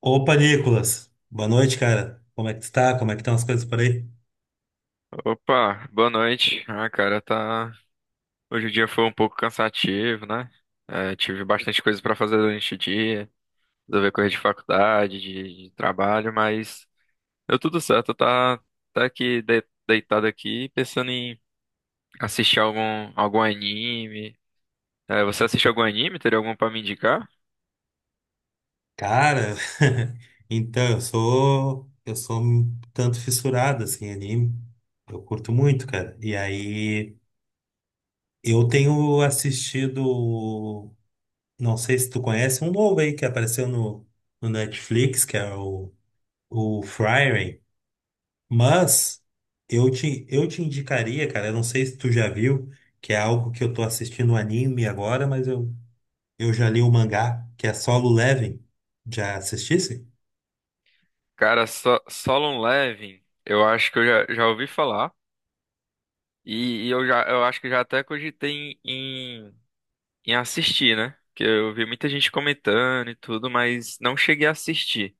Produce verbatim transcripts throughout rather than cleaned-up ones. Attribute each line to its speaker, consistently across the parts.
Speaker 1: Opa, Nicolas. Boa noite, cara. Como é que tu tá? Como é que estão as coisas por aí?
Speaker 2: Opa, boa noite. Ah, cara, tá. Hoje o dia foi um pouco cansativo, né? É, tive bastante coisa pra fazer durante o dia, resolver coisa de faculdade, de, de trabalho, mas deu tudo certo. Tá, tá aqui de- deitado aqui, pensando em assistir algum algum anime. É, você assiste algum anime? Teria algum pra me indicar?
Speaker 1: Cara, então, eu sou eu sou um tanto fissurado assim em anime. Eu curto muito, cara. E aí eu tenho assistido, não sei se tu conhece, um novo aí que apareceu no, no Netflix, que é o o Frieren, mas eu te eu te indicaria, cara, eu não sei se tu já viu, que é algo que eu tô assistindo um anime agora, mas eu Eu já li o mangá, que é Solo Leveling. Já assistisse?
Speaker 2: Cara, so, Solo Leveling, eu acho que eu já, já ouvi falar e, e eu já eu acho que já até cogitei em em assistir, né? Que eu vi muita gente comentando e tudo, mas não cheguei a assistir.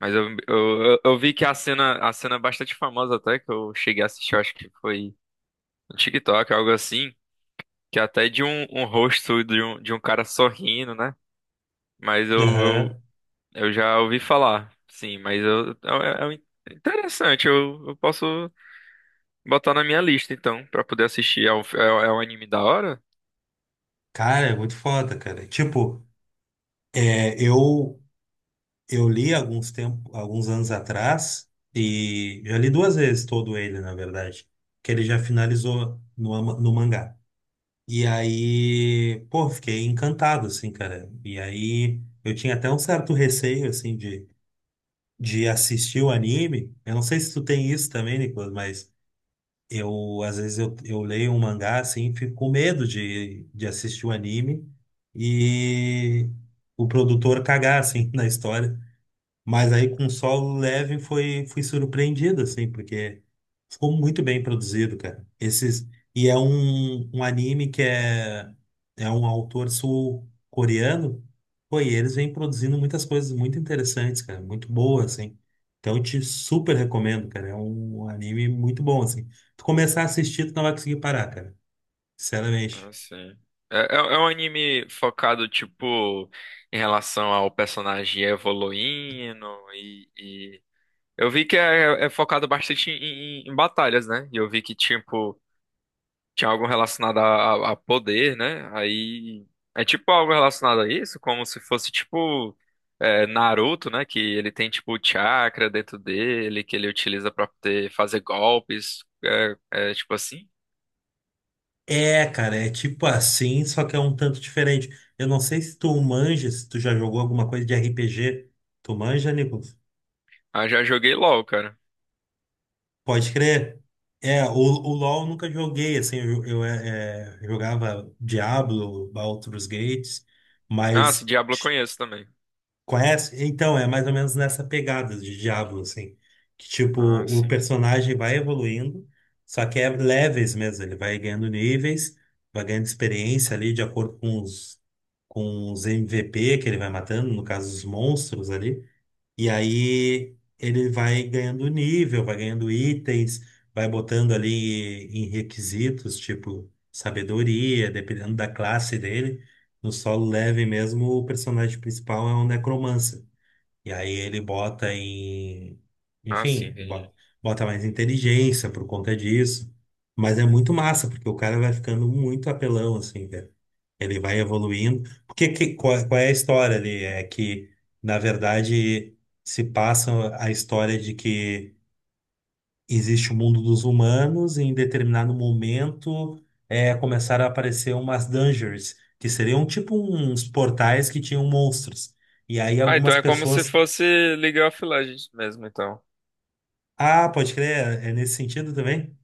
Speaker 2: Mas eu, eu, eu eu vi que a cena, a cena é bastante famosa até, que eu cheguei a assistir, eu acho que foi no TikTok, algo assim, que é até de um, um rosto de um, de um cara sorrindo, né? Mas eu, eu,
Speaker 1: Aham.
Speaker 2: eu já ouvi falar, sim, mas eu, é, é, é interessante, eu, eu posso botar na minha lista, então, pra poder assistir. É um, é um é um anime da hora?
Speaker 1: Cara, é muito foda, cara. Tipo, é, eu eu li alguns tempo, alguns anos atrás e já li duas vezes todo ele, na verdade, que ele já finalizou no, ama- no mangá. E aí, pô, fiquei encantado, assim, cara. E aí, eu tinha até um certo receio, assim, de, de assistir o anime. Eu não sei se tu tem isso também, Nicolas, mas eu, às vezes, eu, eu leio um mangá, assim, fico com medo de, de assistir o anime e o produtor cagar, assim, na história. Mas aí com solo leve foi fui surpreendido assim, porque ficou muito bem produzido, cara. Esses e é um, um anime que é é um autor sul-coreano. Pô, e eles vêm produzindo muitas coisas muito interessantes, cara, muito boas assim. Então eu te super recomendo, cara. É um anime muito bom assim. Tu começar a assistir, tu não vai conseguir parar, cara. Sinceramente.
Speaker 2: Ah, sim. É, é, é um anime focado, tipo, em relação ao personagem evoluindo e, e... Eu vi que é, é focado bastante em, em- em batalhas, né? E eu vi que, tipo, tinha algo relacionado a, a a poder, né? Aí... É tipo algo relacionado a isso, como se fosse, tipo, é, Naruto, né? Que ele tem, tipo, o chakra dentro dele, que ele utiliza pra poder fazer golpes. É, é tipo assim.
Speaker 1: É, cara, é tipo assim, só que é um tanto diferente. Eu não sei se tu manja, se tu já jogou alguma coisa de R P G. Tu manja, Nicolas?
Speaker 2: Ah, já joguei LOL, cara.
Speaker 1: Pode crer. É, o, o LoL eu nunca joguei, assim, eu, eu, é, é, jogava Diablo, Baldur's Gates,
Speaker 2: Ah, esse
Speaker 1: mas
Speaker 2: Diablo eu conheço também.
Speaker 1: conhece? Então, é mais ou menos nessa pegada de Diablo, assim. Que, tipo,
Speaker 2: Ah,
Speaker 1: o
Speaker 2: sim.
Speaker 1: personagem vai evoluindo, só que é levels mesmo. Ele vai ganhando níveis, vai ganhando experiência ali, de acordo com os, com os M V P que ele vai matando, no caso, os monstros ali. E aí ele vai ganhando nível, vai ganhando itens, vai botando ali em requisitos, tipo sabedoria, dependendo da classe dele. No solo leve mesmo, o personagem principal é um necromancer. E aí ele bota em.
Speaker 2: Ah, sim,
Speaker 1: Enfim, bota,
Speaker 2: entendi.
Speaker 1: bota mais inteligência por conta disso. Mas é muito massa, porque o cara vai ficando muito apelão, assim, cara. Ele vai evoluindo. Porque que, qual, qual é a história ali? É que, na verdade, se passa a história de que existe o mundo dos humanos e em determinado momento é, começaram a aparecer umas dungeons, que seriam tipo uns portais que tinham monstros. E aí
Speaker 2: Ah, então
Speaker 1: algumas
Speaker 2: é como se
Speaker 1: pessoas...
Speaker 2: fosse League of Legends mesmo, então.
Speaker 1: Ah, pode crer, é nesse sentido também?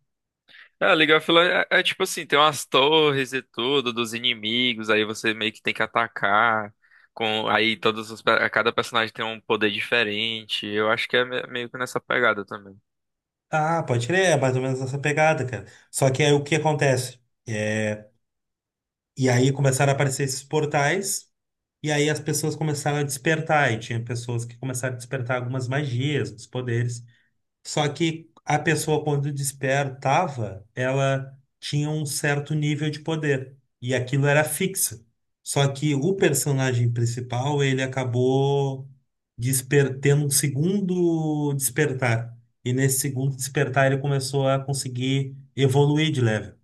Speaker 2: É, League of Legends é, é tipo assim, tem umas torres e tudo dos inimigos, aí você meio que tem que atacar com aí todos os pe- cada personagem tem um poder diferente. Eu acho que é me- meio que nessa pegada também.
Speaker 1: Ah, pode crer, é mais ou menos essa pegada, cara. Só que aí o que acontece? É, e aí começaram a aparecer esses portais, e aí as pessoas começaram a despertar, e tinha pessoas que começaram a despertar algumas magias, uns poderes. Só que a pessoa, quando despertava, ela tinha um certo nível de poder. E aquilo era fixo. Só que o personagem principal, ele acabou desper- tendo um segundo despertar. E nesse segundo despertar, ele começou a conseguir evoluir de level.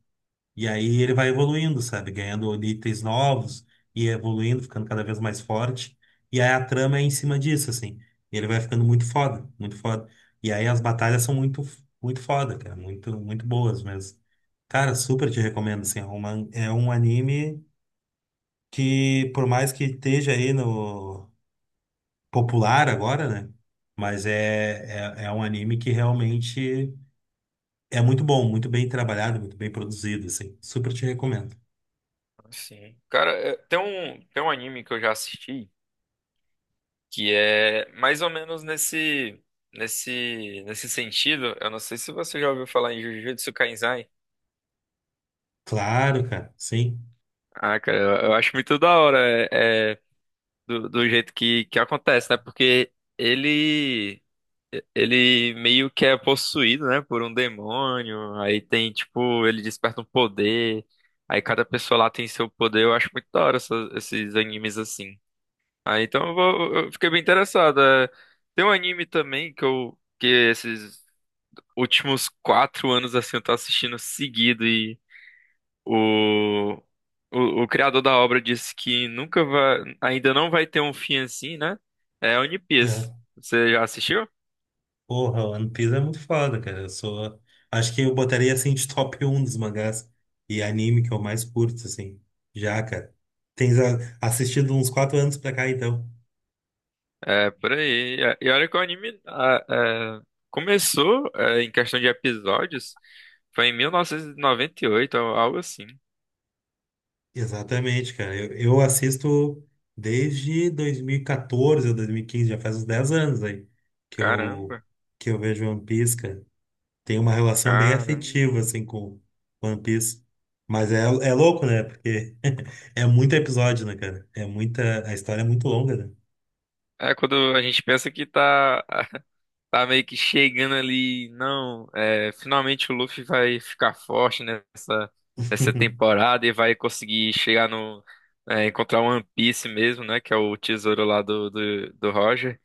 Speaker 1: E aí ele vai evoluindo, sabe? Ganhando itens novos e evoluindo, ficando cada vez mais forte. E aí a trama é em cima disso, assim. Ele vai ficando muito foda, muito foda. E aí as batalhas são muito, muito foda, cara. Muito, muito boas mesmo. Cara, super te recomendo, assim. É uma, é um anime que, por mais que esteja aí no popular agora, né? Mas é, é, é um anime que realmente é muito bom, muito bem trabalhado, muito bem produzido, assim. Super te recomendo.
Speaker 2: Ah, sim. Cara, é, tem um tem um anime que eu já assisti que é mais ou menos nesse nesse nesse sentido. Eu não sei se você já ouviu falar em Jujutsu Kaisen.
Speaker 1: Claro, cara, sim.
Speaker 2: Ah, cara, eu, eu acho muito da hora é, é, do, do jeito que, que acontece, né? Porque ele ele meio que é possuído, né, por um demônio. Aí tem, tipo, ele desperta um poder. Aí cada pessoa lá tem seu poder. Eu acho muito da hora essas- esses animes assim. Ah, então eu, vou, eu fiquei bem interessado. É, tem um anime também que eu que esses últimos quatro anos assim eu tô assistindo seguido o, o, o criador da obra disse que nunca vai, ainda não vai ter um fim assim, né? É One Piece.
Speaker 1: É.
Speaker 2: Você já assistiu?
Speaker 1: Porra, One Piece é muito foda, cara. Eu sou. Acho que eu botaria assim de top um dos mangás e anime que eu mais curto, assim. Já, cara. Tens a- assistido uns quatro anos pra cá, então.
Speaker 2: É, por aí. E e olha que o anime ah, é, começou, é, em questão de episódios, foi em mil novecentos e noventa e oito, al- algo assim.
Speaker 1: Exatamente, cara. Eu, eu assisto desde dois mil e quatorze ou dois mil e quinze, já faz uns dez anos aí que eu,
Speaker 2: Caramba,
Speaker 1: que eu vejo One Piece, tem uma relação bem
Speaker 2: Caramba.
Speaker 1: afetiva, assim, com One Piece. Mas é, é louco, né? Porque é muito episódio, né, cara? É muita. A história é muito longa, né?
Speaker 2: É quando a gente pensa que tá, tá meio que chegando ali. Não, é, finalmente o Luffy vai ficar forte nessa, nessa temporada e vai conseguir chegar no, é, encontrar o One Piece mesmo, né? Que é o tesouro lá do, do, do Roger.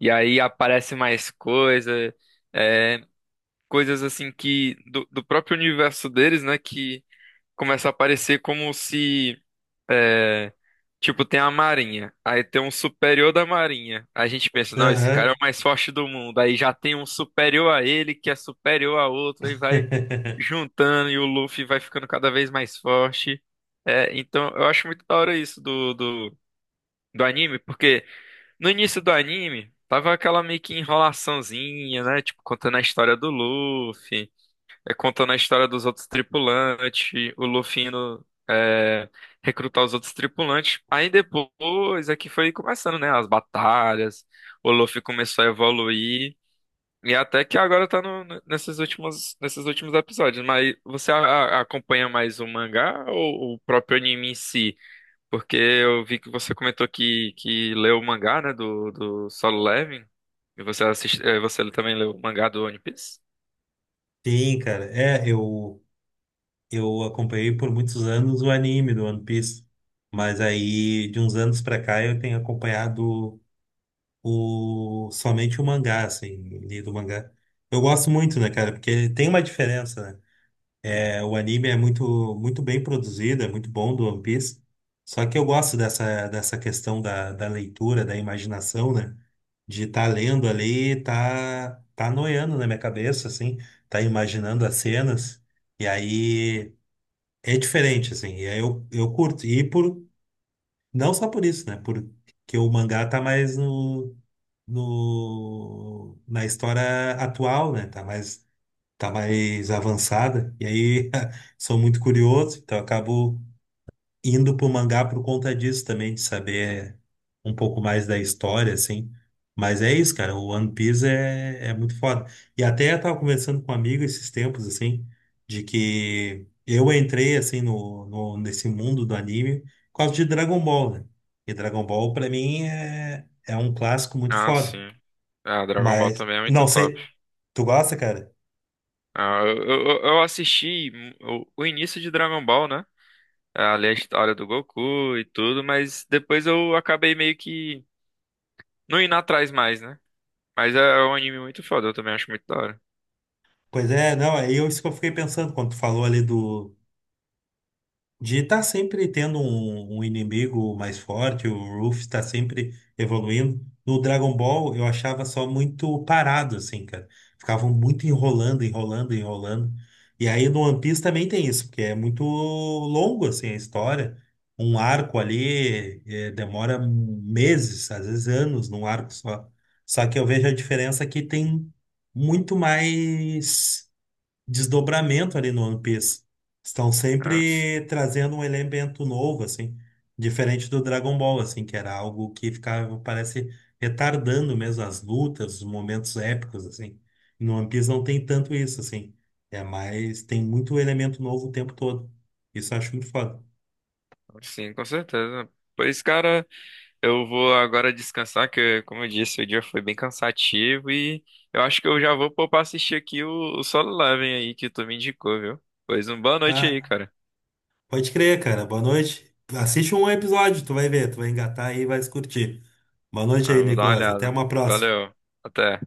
Speaker 2: E aí aparece mais coisa, é, coisas assim que. Do, do próprio universo deles, né? Que começa a aparecer como se. É, tipo, tem a Marinha, aí tem um superior da Marinha. Aí a gente pensa, não, esse cara
Speaker 1: Aham.
Speaker 2: é o mais forte do mundo. Aí já tem um superior a ele, que é superior a outro, aí vai juntando e o Luffy vai ficando cada vez mais forte. É, então, eu acho muito da hora isso do, do, do anime, porque no início do anime tava aquela meio que enrolaçãozinha, né? Tipo, contando a história do Luffy, é, contando a história dos outros tripulantes, o Luffy indo, é, recrutar os outros tripulantes. Aí depois é que foi começando, né? As batalhas, o Luffy começou a evoluir. E até que agora tá no- no- nesses últimos, nesses últimos episódios. Mas você a- a- acompanha mais o mangá ou o próprio anime em si? Porque eu vi que você comentou que, que leu o mangá, né? Do, do Solo Leveling. E você assiste, eh, você também leu o mangá do One Piece?
Speaker 1: Sim, cara. É, eu, eu acompanhei por muitos anos o anime do One Piece. Mas aí, de uns anos pra cá, eu tenho acompanhado o, somente o mangá, assim, lido o mangá. Eu gosto muito, né, cara? Porque tem uma diferença, né? É, o anime é muito, muito bem produzido, é muito bom do One Piece. Só que eu gosto dessa, dessa questão da, da leitura, da imaginação, né? De estar lendo ali, tá, tá noiando na minha cabeça, assim, tá imaginando as cenas. E aí é diferente, assim, e aí eu, eu curto. E por, não só por isso, né? Porque o mangá tá mais no, no, na história atual, né? Tá mais tá mais avançada, e aí sou muito curioso, então acabo indo pro mangá por conta disso também, de saber um pouco mais da história, assim. Mas é isso, cara, o One Piece é, é muito foda. E até eu tava conversando com um amigo esses tempos, assim, de que eu entrei, assim, no, no, nesse mundo do anime por causa de Dragon Ball, né? E Dragon Ball, pra mim, é, é um clássico muito
Speaker 2: Ah,
Speaker 1: foda.
Speaker 2: sim. Ah, Dragon Ball
Speaker 1: Mas,
Speaker 2: também é muito
Speaker 1: não
Speaker 2: top.
Speaker 1: sei, tu gosta, cara?
Speaker 2: Ah, eu, eu, eu assisti o, o início de Dragon Ball, né? É, ali a história do Goku e tudo, mas depois eu acabei meio que não indo atrás mais, né? Mas é é um anime muito foda, eu também acho muito da hora.
Speaker 1: Pois é, não, aí eu, isso que eu fiquei pensando quando tu falou ali do. De estar sempre tendo um, um inimigo mais forte, o Ruff está sempre evoluindo. No Dragon Ball eu achava só muito parado, assim, cara. Ficavam muito enrolando, enrolando, enrolando. E aí no One Piece também tem isso, porque é muito longo, assim, a história. Um arco ali eh, demora meses, às vezes anos, num arco só. Só que eu vejo a diferença que tem muito mais desdobramento ali no One Piece. Estão
Speaker 2: Ah,
Speaker 1: sempre trazendo um elemento novo, assim, diferente do Dragon Ball, assim, que era algo que ficava, parece, retardando mesmo as lutas, os momentos épicos, assim. E no One Piece não tem tanto isso, assim. É mais, tem muito elemento novo o tempo todo. Isso eu acho muito foda.
Speaker 2: sim, com certeza. Pois, cara, eu vou agora descansar, que, como eu disse, o dia foi bem cansativo e eu acho que eu já vou pôr pra assistir aqui o, o Solo Leveling aí que tu me indicou, viu? Pois, uma boa noite aí,
Speaker 1: Ah,
Speaker 2: cara.
Speaker 1: pode crer, cara. Boa noite. Assiste um episódio, tu vai ver, tu vai engatar aí e vai se curtir. Boa noite
Speaker 2: Ah,
Speaker 1: aí,
Speaker 2: vou dar uma
Speaker 1: Nicolas. Até
Speaker 2: olhada.
Speaker 1: uma próxima.
Speaker 2: Valeu. Até.